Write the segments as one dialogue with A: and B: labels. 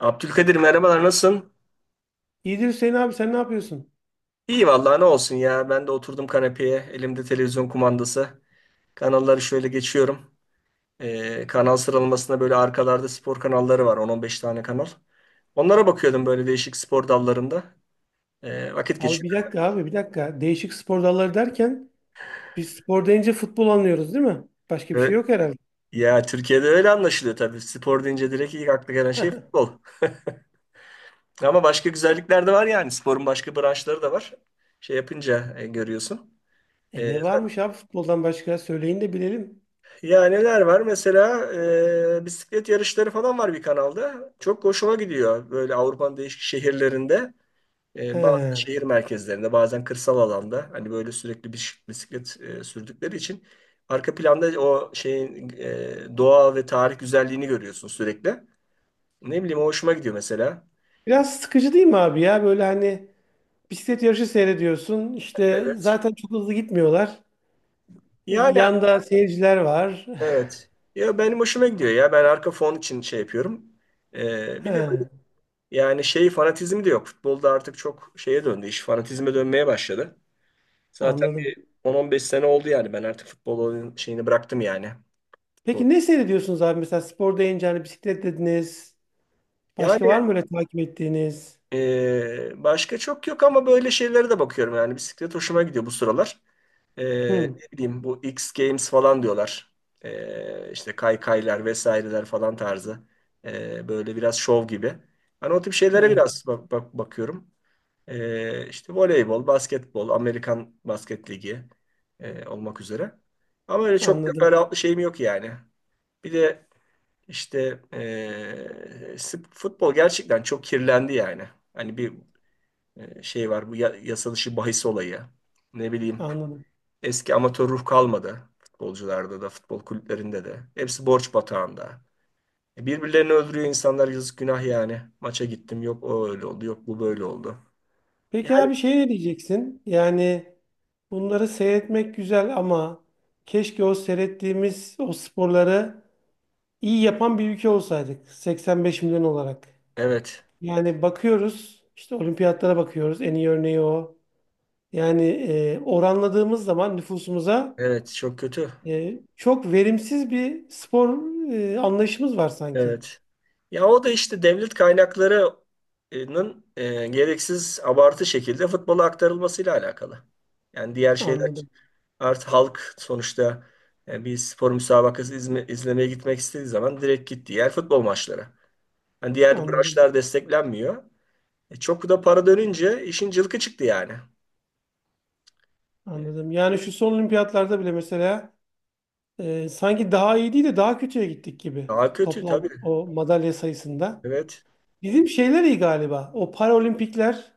A: Abdülkadir merhabalar, nasılsın?
B: İyidir Hüseyin abi sen ne yapıyorsun?
A: İyi vallahi, ne olsun ya. Ben de oturdum kanepeye. Elimde televizyon kumandası. Kanalları şöyle geçiyorum. Kanal sıralamasında böyle arkalarda spor kanalları var. 10-15 tane kanal. Onlara bakıyordum, böyle değişik spor dallarında. Vakit
B: Abi bir
A: geçiriyorum.
B: dakika abi bir dakika. Değişik spor dalları derken biz spor deyince futbol anlıyoruz değil mi? Başka bir şey
A: Evet.
B: yok herhalde.
A: Ya, Türkiye'de öyle anlaşılıyor tabii. Spor deyince direkt ilk akla gelen şey futbol. Ama başka güzellikler de var yani. Sporun başka branşları da var. Şey yapınca görüyorsun.
B: E
A: E,
B: ne varmış abi futboldan başka? Söyleyin de bilelim.
A: Ya neler var? Mesela bisiklet yarışları falan var bir kanalda. Çok hoşuma gidiyor böyle, Avrupa'nın değişik şehirlerinde. Bazen
B: He.
A: şehir merkezlerinde, bazen kırsal alanda. Hani böyle sürekli bisiklet sürdükleri için arka planda o şeyin doğa ve tarih güzelliğini görüyorsun sürekli. Ne bileyim, o hoşuma gidiyor mesela.
B: Biraz sıkıcı değil mi abi ya? Böyle hani bisiklet yarışı seyrediyorsun. İşte
A: Evet.
B: zaten çok hızlı gitmiyorlar.
A: Yani
B: Yanda seyirciler var.
A: evet. Ya benim hoşuma gidiyor ya. Ben arka fon için şey yapıyorum.
B: He,
A: Bir de yani şey fanatizmi de yok. Futbolda artık çok şeye döndü. İş fanatizme dönmeye başladı. Zaten
B: anladım.
A: 10-15 sene oldu yani. Ben artık futbolun şeyini bıraktım yani. Futbol.
B: Peki ne seyrediyorsunuz abi? Mesela spor deyince hani bisiklet dediniz.
A: Yani
B: Başka var mı öyle takip ettiğiniz?
A: başka çok yok ama böyle şeylere de bakıyorum. Yani bisiklet hoşuma gidiyor bu sıralar.
B: Hı,
A: Ne bileyim, bu X Games falan diyorlar. İşte kaykaylar vesaireler falan tarzı. Böyle biraz şov gibi. Hani o tip şeylere
B: evet.
A: biraz bakıyorum. İşte voleybol, basketbol, Amerikan Basket Ligi olmak üzere. Ama öyle çok
B: Anladım.
A: teferruatlı şeyim yok yani. Bir de işte futbol gerçekten çok kirlendi yani. Hani bir şey var, bu yasa dışı bahis olayı. Ne bileyim,
B: Anladım.
A: eski amatör ruh kalmadı. Futbolcularda da, futbol kulüplerinde de. Hepsi borç batağında. Birbirlerini öldürüyor insanlar, yazık günah yani. Maça gittim, yok o öyle oldu, yok bu böyle oldu.
B: Peki
A: Yani
B: abi şey ne diyeceksin? Yani bunları seyretmek güzel ama keşke o seyrettiğimiz o sporları iyi yapan bir ülke olsaydık 85 milyon olarak.
A: evet.
B: Yani bakıyoruz, işte olimpiyatlara bakıyoruz, en iyi örneği o. Yani oranladığımız zaman nüfusumuza
A: Evet, çok kötü.
B: çok verimsiz bir spor anlayışımız var sanki.
A: Evet. Ya o da işte devlet kaynaklarının gereksiz abartı şekilde futbola aktarılmasıyla alakalı. Yani diğer şeyler
B: Anladım,
A: artık halk sonuçta bir spor müsabakası izlemeye gitmek istediği zaman direkt gitti. Diğer futbol maçları. Yani diğer
B: anladım,
A: branşlar desteklenmiyor. Çok da para dönünce işin cılkı çıktı yani. E,
B: anladım. Yani şu son olimpiyatlarda bile mesela sanki daha iyi değil de daha kötüye gittik gibi
A: Daha kötü
B: toplam
A: tabii.
B: o madalya sayısında.
A: Evet.
B: Bizim şeyler iyi galiba. O Paralimpikler,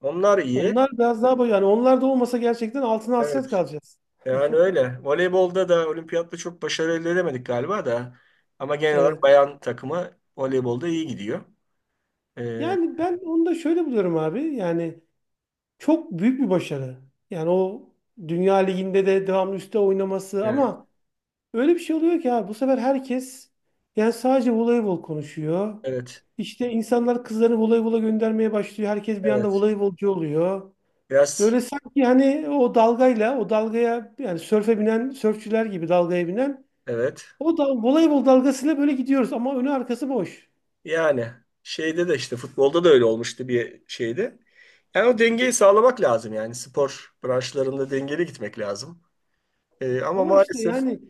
A: Onlar iyi.
B: onlar biraz daha yani onlar da olmasa gerçekten altına hasret
A: Evet.
B: kalacağız.
A: Yani öyle. Voleybolda da olimpiyatta çok başarı elde edemedik galiba da. Ama genel olarak
B: Evet.
A: bayan takımı voleybolda iyi gidiyor. Ee,
B: Yani ben onu da şöyle buluyorum abi. Yani çok büyük bir başarı. Yani o Dünya Ligi'nde de devamlı üstte oynaması,
A: evet,
B: ama öyle bir şey oluyor ki abi bu sefer herkes yani sadece voleybol konuşuyor.
A: evet,
B: İşte insanlar kızlarını voleybola göndermeye başlıyor. Herkes bir anda
A: evet.
B: voleybolcu oluyor.
A: Biraz,
B: Böyle sanki hani o dalgayla, o dalgaya, yani sörfe binen, sörfçüler gibi dalgaya binen,
A: evet.
B: o da, voleybol dalgasıyla böyle gidiyoruz ama önü arkası boş.
A: Yani şeyde de işte futbolda da öyle olmuştu bir şeyde. Yani o dengeyi sağlamak lazım yani, spor branşlarında dengeli gitmek lazım. Ama
B: Ama işte
A: maalesef
B: yani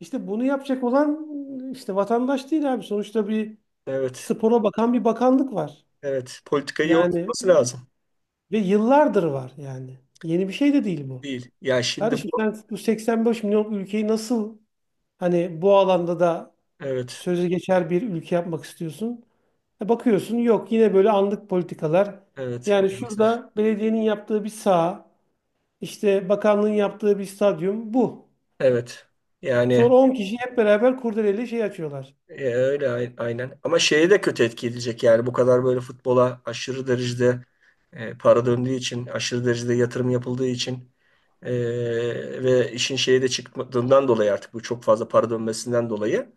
B: işte bunu yapacak olan işte vatandaş değil abi. Sonuçta bir
A: evet,
B: spora bakan bir bakanlık var.
A: evet. Politikayı
B: Yani
A: oturtması lazım.
B: ve yıllardır var yani. Yeni bir şey de değil bu.
A: Değil. Ya şimdi
B: Kardeşim
A: bu,
B: sen bu 85 milyon ülkeyi nasıl, hani bu alanda da
A: evet,
B: sözü geçer bir ülke yapmak istiyorsun. E bakıyorsun, yok, yine böyle anlık politikalar.
A: evet,
B: Yani
A: maalesef.
B: şurada belediyenin yaptığı bir saha, işte bakanlığın yaptığı bir stadyum bu.
A: Evet. Yani
B: Sonra 10 kişi hep beraber kurdeleyle şey açıyorlar.
A: Öyle aynen. Ama şeye de kötü etki edecek yani, bu kadar böyle futbola aşırı derecede para döndüğü için, aşırı derecede yatırım yapıldığı için, e, ve işin şeye de çıktığından dolayı artık bu çok fazla para dönmesinden dolayı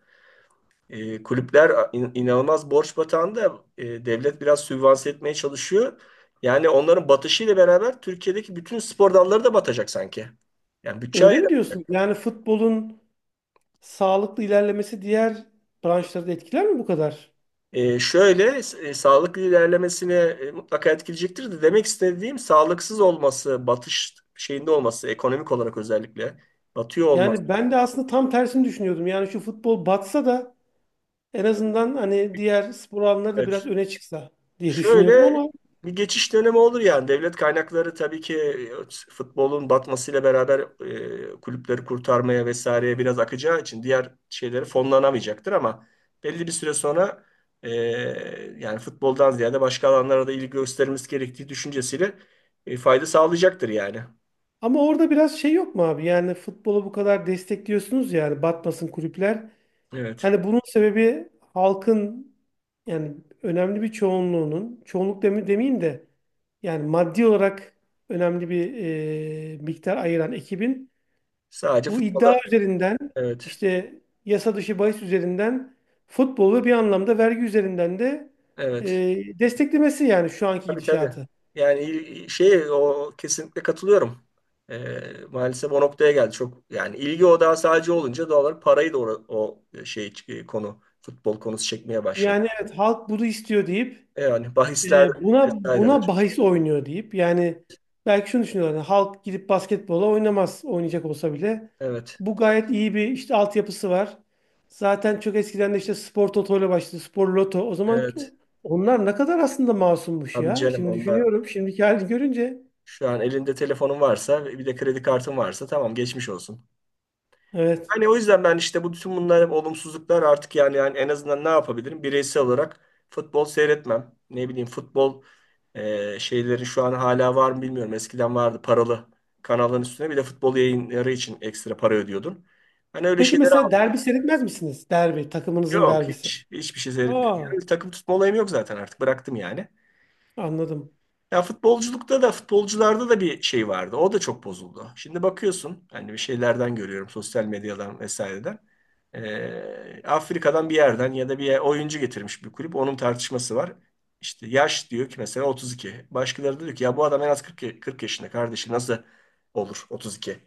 A: kulüpler inanılmaz borç batağında, devlet biraz sübvanse etmeye çalışıyor. Yani onların batışıyla beraber Türkiye'deki bütün spor dalları da batacak sanki. Yani bütçe.
B: Öyle mi diyorsun? Yani futbolun sağlıklı ilerlemesi diğer branşları da etkiler mi bu kadar?
A: Şöyle sağlıklı ilerlemesine mutlaka etkileyecektir de, demek istediğim sağlıksız olması, batış şeyinde olması, ekonomik olarak özellikle batıyor olması.
B: Yani ben de aslında tam tersini düşünüyordum. Yani şu futbol batsa da en azından hani diğer spor alanları da biraz
A: Evet.
B: öne çıksa diye düşünüyordum
A: Şöyle
B: ama.
A: bir geçiş dönemi olur yani. Devlet kaynakları tabii ki futbolun batmasıyla beraber kulüpleri kurtarmaya vesaireye biraz akacağı için diğer şeyleri fonlanamayacaktır ama belli bir süre sonra e, yani futboldan ziyade başka alanlara da ilgi göstermemiz gerektiği düşüncesiyle fayda sağlayacaktır yani.
B: Ama orada biraz şey yok mu abi? Yani futbolu bu kadar destekliyorsunuz ya, yani batmasın kulüpler.
A: Evet.
B: Hani bunun sebebi halkın, yani önemli bir çoğunluğunun, çoğunluk demeyeyim de, yani maddi olarak önemli bir miktar ayıran ekibin
A: Sadece
B: bu iddia
A: futbola,
B: üzerinden,
A: evet.
B: işte yasa dışı bahis üzerinden futbolu ve bir anlamda vergi üzerinden de
A: Evet.
B: desteklemesi, yani şu anki
A: Tabii tabii.
B: gidişatı.
A: Yani şey, o kesinlikle katılıyorum. Ee, Maalesef o noktaya geldi. Çok yani, ilgi odağı sadece olunca doğal olarak parayı da o şey, konu futbol konusu çekmeye başladı.
B: Yani evet, halk bunu istiyor deyip,
A: Yani bahisler
B: buna
A: vesaireler.
B: bahis oynuyor deyip yani belki şunu düşünüyorlar. Yani halk gidip basketbola oynamaz, oynayacak olsa bile.
A: Evet.
B: Bu gayet iyi, bir işte altyapısı var. Zaten çok eskiden de işte spor toto ile başladı. Spor loto. O zaman
A: Evet.
B: onlar ne kadar aslında masummuş
A: Abi
B: ya.
A: canım,
B: Şimdi
A: onlar
B: düşünüyorum, şimdiki halini görünce.
A: şu an elinde telefonun varsa, bir de kredi kartın varsa, tamam, geçmiş olsun.
B: Evet.
A: Hani o yüzden ben işte, bu bütün bunlar olumsuzluklar artık yani, yani en azından ne yapabilirim? Bireysel olarak futbol seyretmem. Ne bileyim, futbol şeyleri şu an hala var mı bilmiyorum. Eskiden vardı, paralı kanalların üstüne bir de futbol yayınları için ekstra para ödüyordun. Hani öyle
B: Peki
A: şeyleri
B: mesela
A: almıyorum.
B: derbi seyretmez misiniz? Derbi. Takımınızın
A: Yok,
B: derbisi.
A: hiç hiçbir şey
B: Aa,
A: seyretmiyorum. Takım tutma olayım yok zaten, artık bıraktım yani.
B: anladım.
A: Ya futbolculukta da, futbolcularda da bir şey vardı. O da çok bozuldu. Şimdi bakıyorsun hani, bir şeylerden görüyorum sosyal medyadan vesaireden. Afrika'dan bir yerden ya da bir oyuncu getirmiş bir kulüp. Onun tartışması var. İşte yaş diyor ki mesela 32. Başkaları da diyor ki ya bu adam en az 40, 40 yaşında kardeşi nasıl olur 32?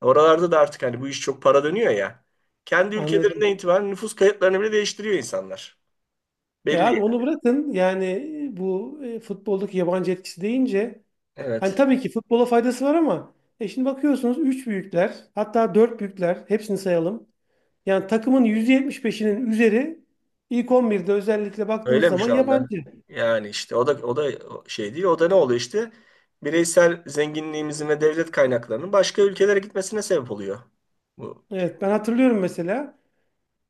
A: Oralarda da artık hani, bu iş çok para dönüyor ya. Kendi ülkelerinden
B: Anladım.
A: itibaren nüfus kayıtlarını bile değiştiriyor insanlar.
B: E
A: Belli.
B: abi onu bırakın. Yani bu futboldaki yabancı etkisi deyince, hani
A: Evet.
B: tabii ki futbola faydası var ama şimdi bakıyorsunuz, 3 büyükler, hatta 4 büyükler, hepsini sayalım. Yani takımın %75'inin üzeri, ilk 11'de özellikle baktığınız
A: Öyle mi
B: zaman,
A: şu anda?
B: yabancı.
A: Yani işte o da şey değil. O da ne oluyor işte? Bireysel zenginliğimizin ve devlet kaynaklarının başka ülkelere gitmesine sebep oluyor. Bu şey.
B: Evet, ben hatırlıyorum mesela,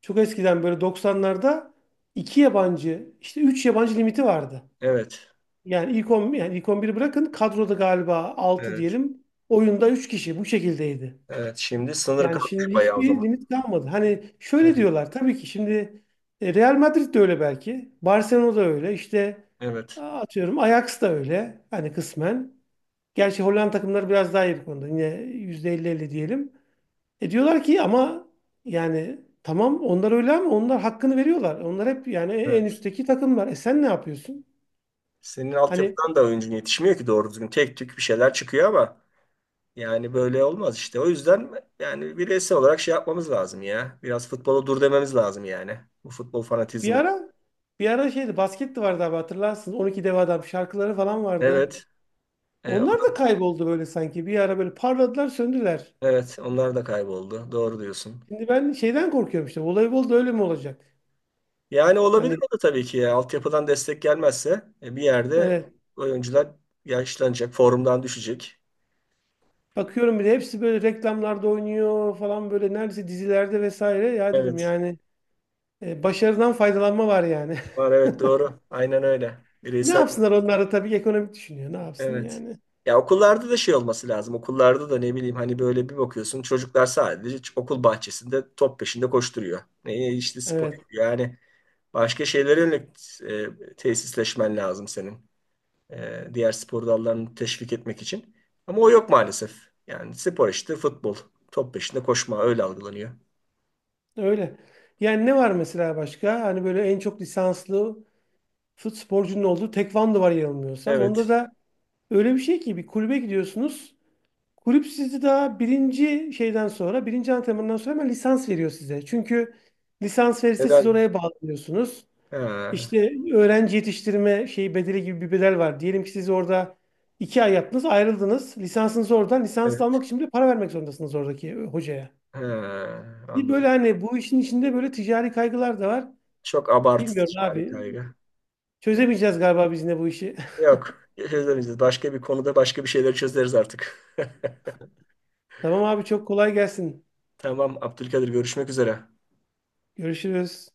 B: çok eskiden, böyle 90'larda 2 yabancı, işte 3 yabancı limiti vardı.
A: Evet.
B: Yani ilk 10, yani ilk 11'i bırakın, kadroda galiba altı
A: Evet.
B: diyelim, oyunda 3 kişi bu şekildeydi.
A: Evet. Şimdi sınır
B: Yani
A: kalkmış
B: şimdi
A: bayağı o
B: hiçbir
A: zaman.
B: limit kalmadı. Hani
A: Evet.
B: şöyle diyorlar tabii ki, şimdi Real Madrid de öyle belki. Barcelona da öyle. İşte
A: Evet.
B: atıyorum, Ajax da öyle. Hani kısmen. Gerçi Hollanda takımları biraz daha iyi bu konuda. Yine %50-50 diyelim. E diyorlar ki ama, yani tamam onlar öyle ama onlar hakkını veriyorlar. Onlar hep yani en
A: Evet.
B: üstteki takımlar. E sen ne yapıyorsun?
A: Senin
B: Hani
A: altyapıdan da oyuncun yetişmiyor ki doğru düzgün. Tek tük bir şeyler çıkıyor ama yani böyle olmaz işte. O yüzden yani bireysel olarak şey yapmamız lazım ya. Biraz futbola dur dememiz lazım yani. Bu futbol
B: bir
A: fanatizmini.
B: ara bir ara şeydi, basket de vardı abi hatırlarsın. 12 dev adam şarkıları falan vardı.
A: Evet. E,
B: Onlar da kayboldu böyle sanki. Bir ara böyle parladılar, söndüler.
A: Evet, onlar da kayboldu. Doğru diyorsun.
B: Şimdi ben şeyden korkuyorum işte. Voleybol öyle mi olacak?
A: Yani olabilir
B: Hani
A: o da tabii ki ya. Altyapıdan destek gelmezse, bir yerde
B: evet.
A: oyuncular yaşlanacak, formdan düşecek.
B: Bakıyorum bile hepsi böyle reklamlarda oynuyor falan, böyle neredeyse dizilerde vesaire. Ya dedim
A: Evet.
B: yani, başarıdan faydalanma var yani.
A: Var, evet doğru. Aynen öyle.
B: Ne
A: Bireysel,
B: yapsınlar, onlar da tabii ki ekonomik düşünüyor. Ne yapsın
A: evet.
B: yani?
A: Ya okullarda da şey olması lazım. Okullarda da ne bileyim hani, böyle bir bakıyorsun, çocuklar sadece okul bahçesinde top peşinde koşturuyor. Ne işte, spor
B: Evet,
A: yapıyor. Yani başka şeylere yönelik tesisleşmen lazım senin. Diğer spor dallarını teşvik etmek için. Ama o yok maalesef. Yani spor işte futbol. Top peşinde koşma öyle algılanıyor.
B: öyle. Yani ne var mesela başka? Hani böyle en çok lisanslı sporcunun olduğu tekvando var yanılmıyorsam. Onda
A: Evet.
B: da öyle bir şey ki bir kulübe gidiyorsunuz. Kulüp sizi daha birinci şeyden sonra, birinci antrenmandan sonra hemen lisans veriyor size. Çünkü lisans verirse siz
A: Neden?
B: oraya bağlanıyorsunuz.
A: Ha,
B: İşte öğrenci yetiştirme şeyi bedeli gibi bir bedel var. Diyelim ki siz orada 2 ay yaptınız, ayrıldınız. Lisansınız oradan. Lisans
A: evet.
B: almak için de para vermek zorundasınız oradaki hocaya.
A: Ha,
B: Böyle
A: anladım.
B: hani bu işin içinde böyle ticari kaygılar da var.
A: Çok
B: Bilmiyorum
A: abartıcı bir
B: abi.
A: kaygı. Ne-
B: Çözemeyeceğiz galiba biz yine bu işi.
A: Yok. Çözemeyeceğiz. Başka bir konuda başka bir şeyleri çözeriz artık.
B: Tamam abi, çok kolay gelsin.
A: Tamam Abdülkadir, görüşmek üzere.
B: Görüşürüz.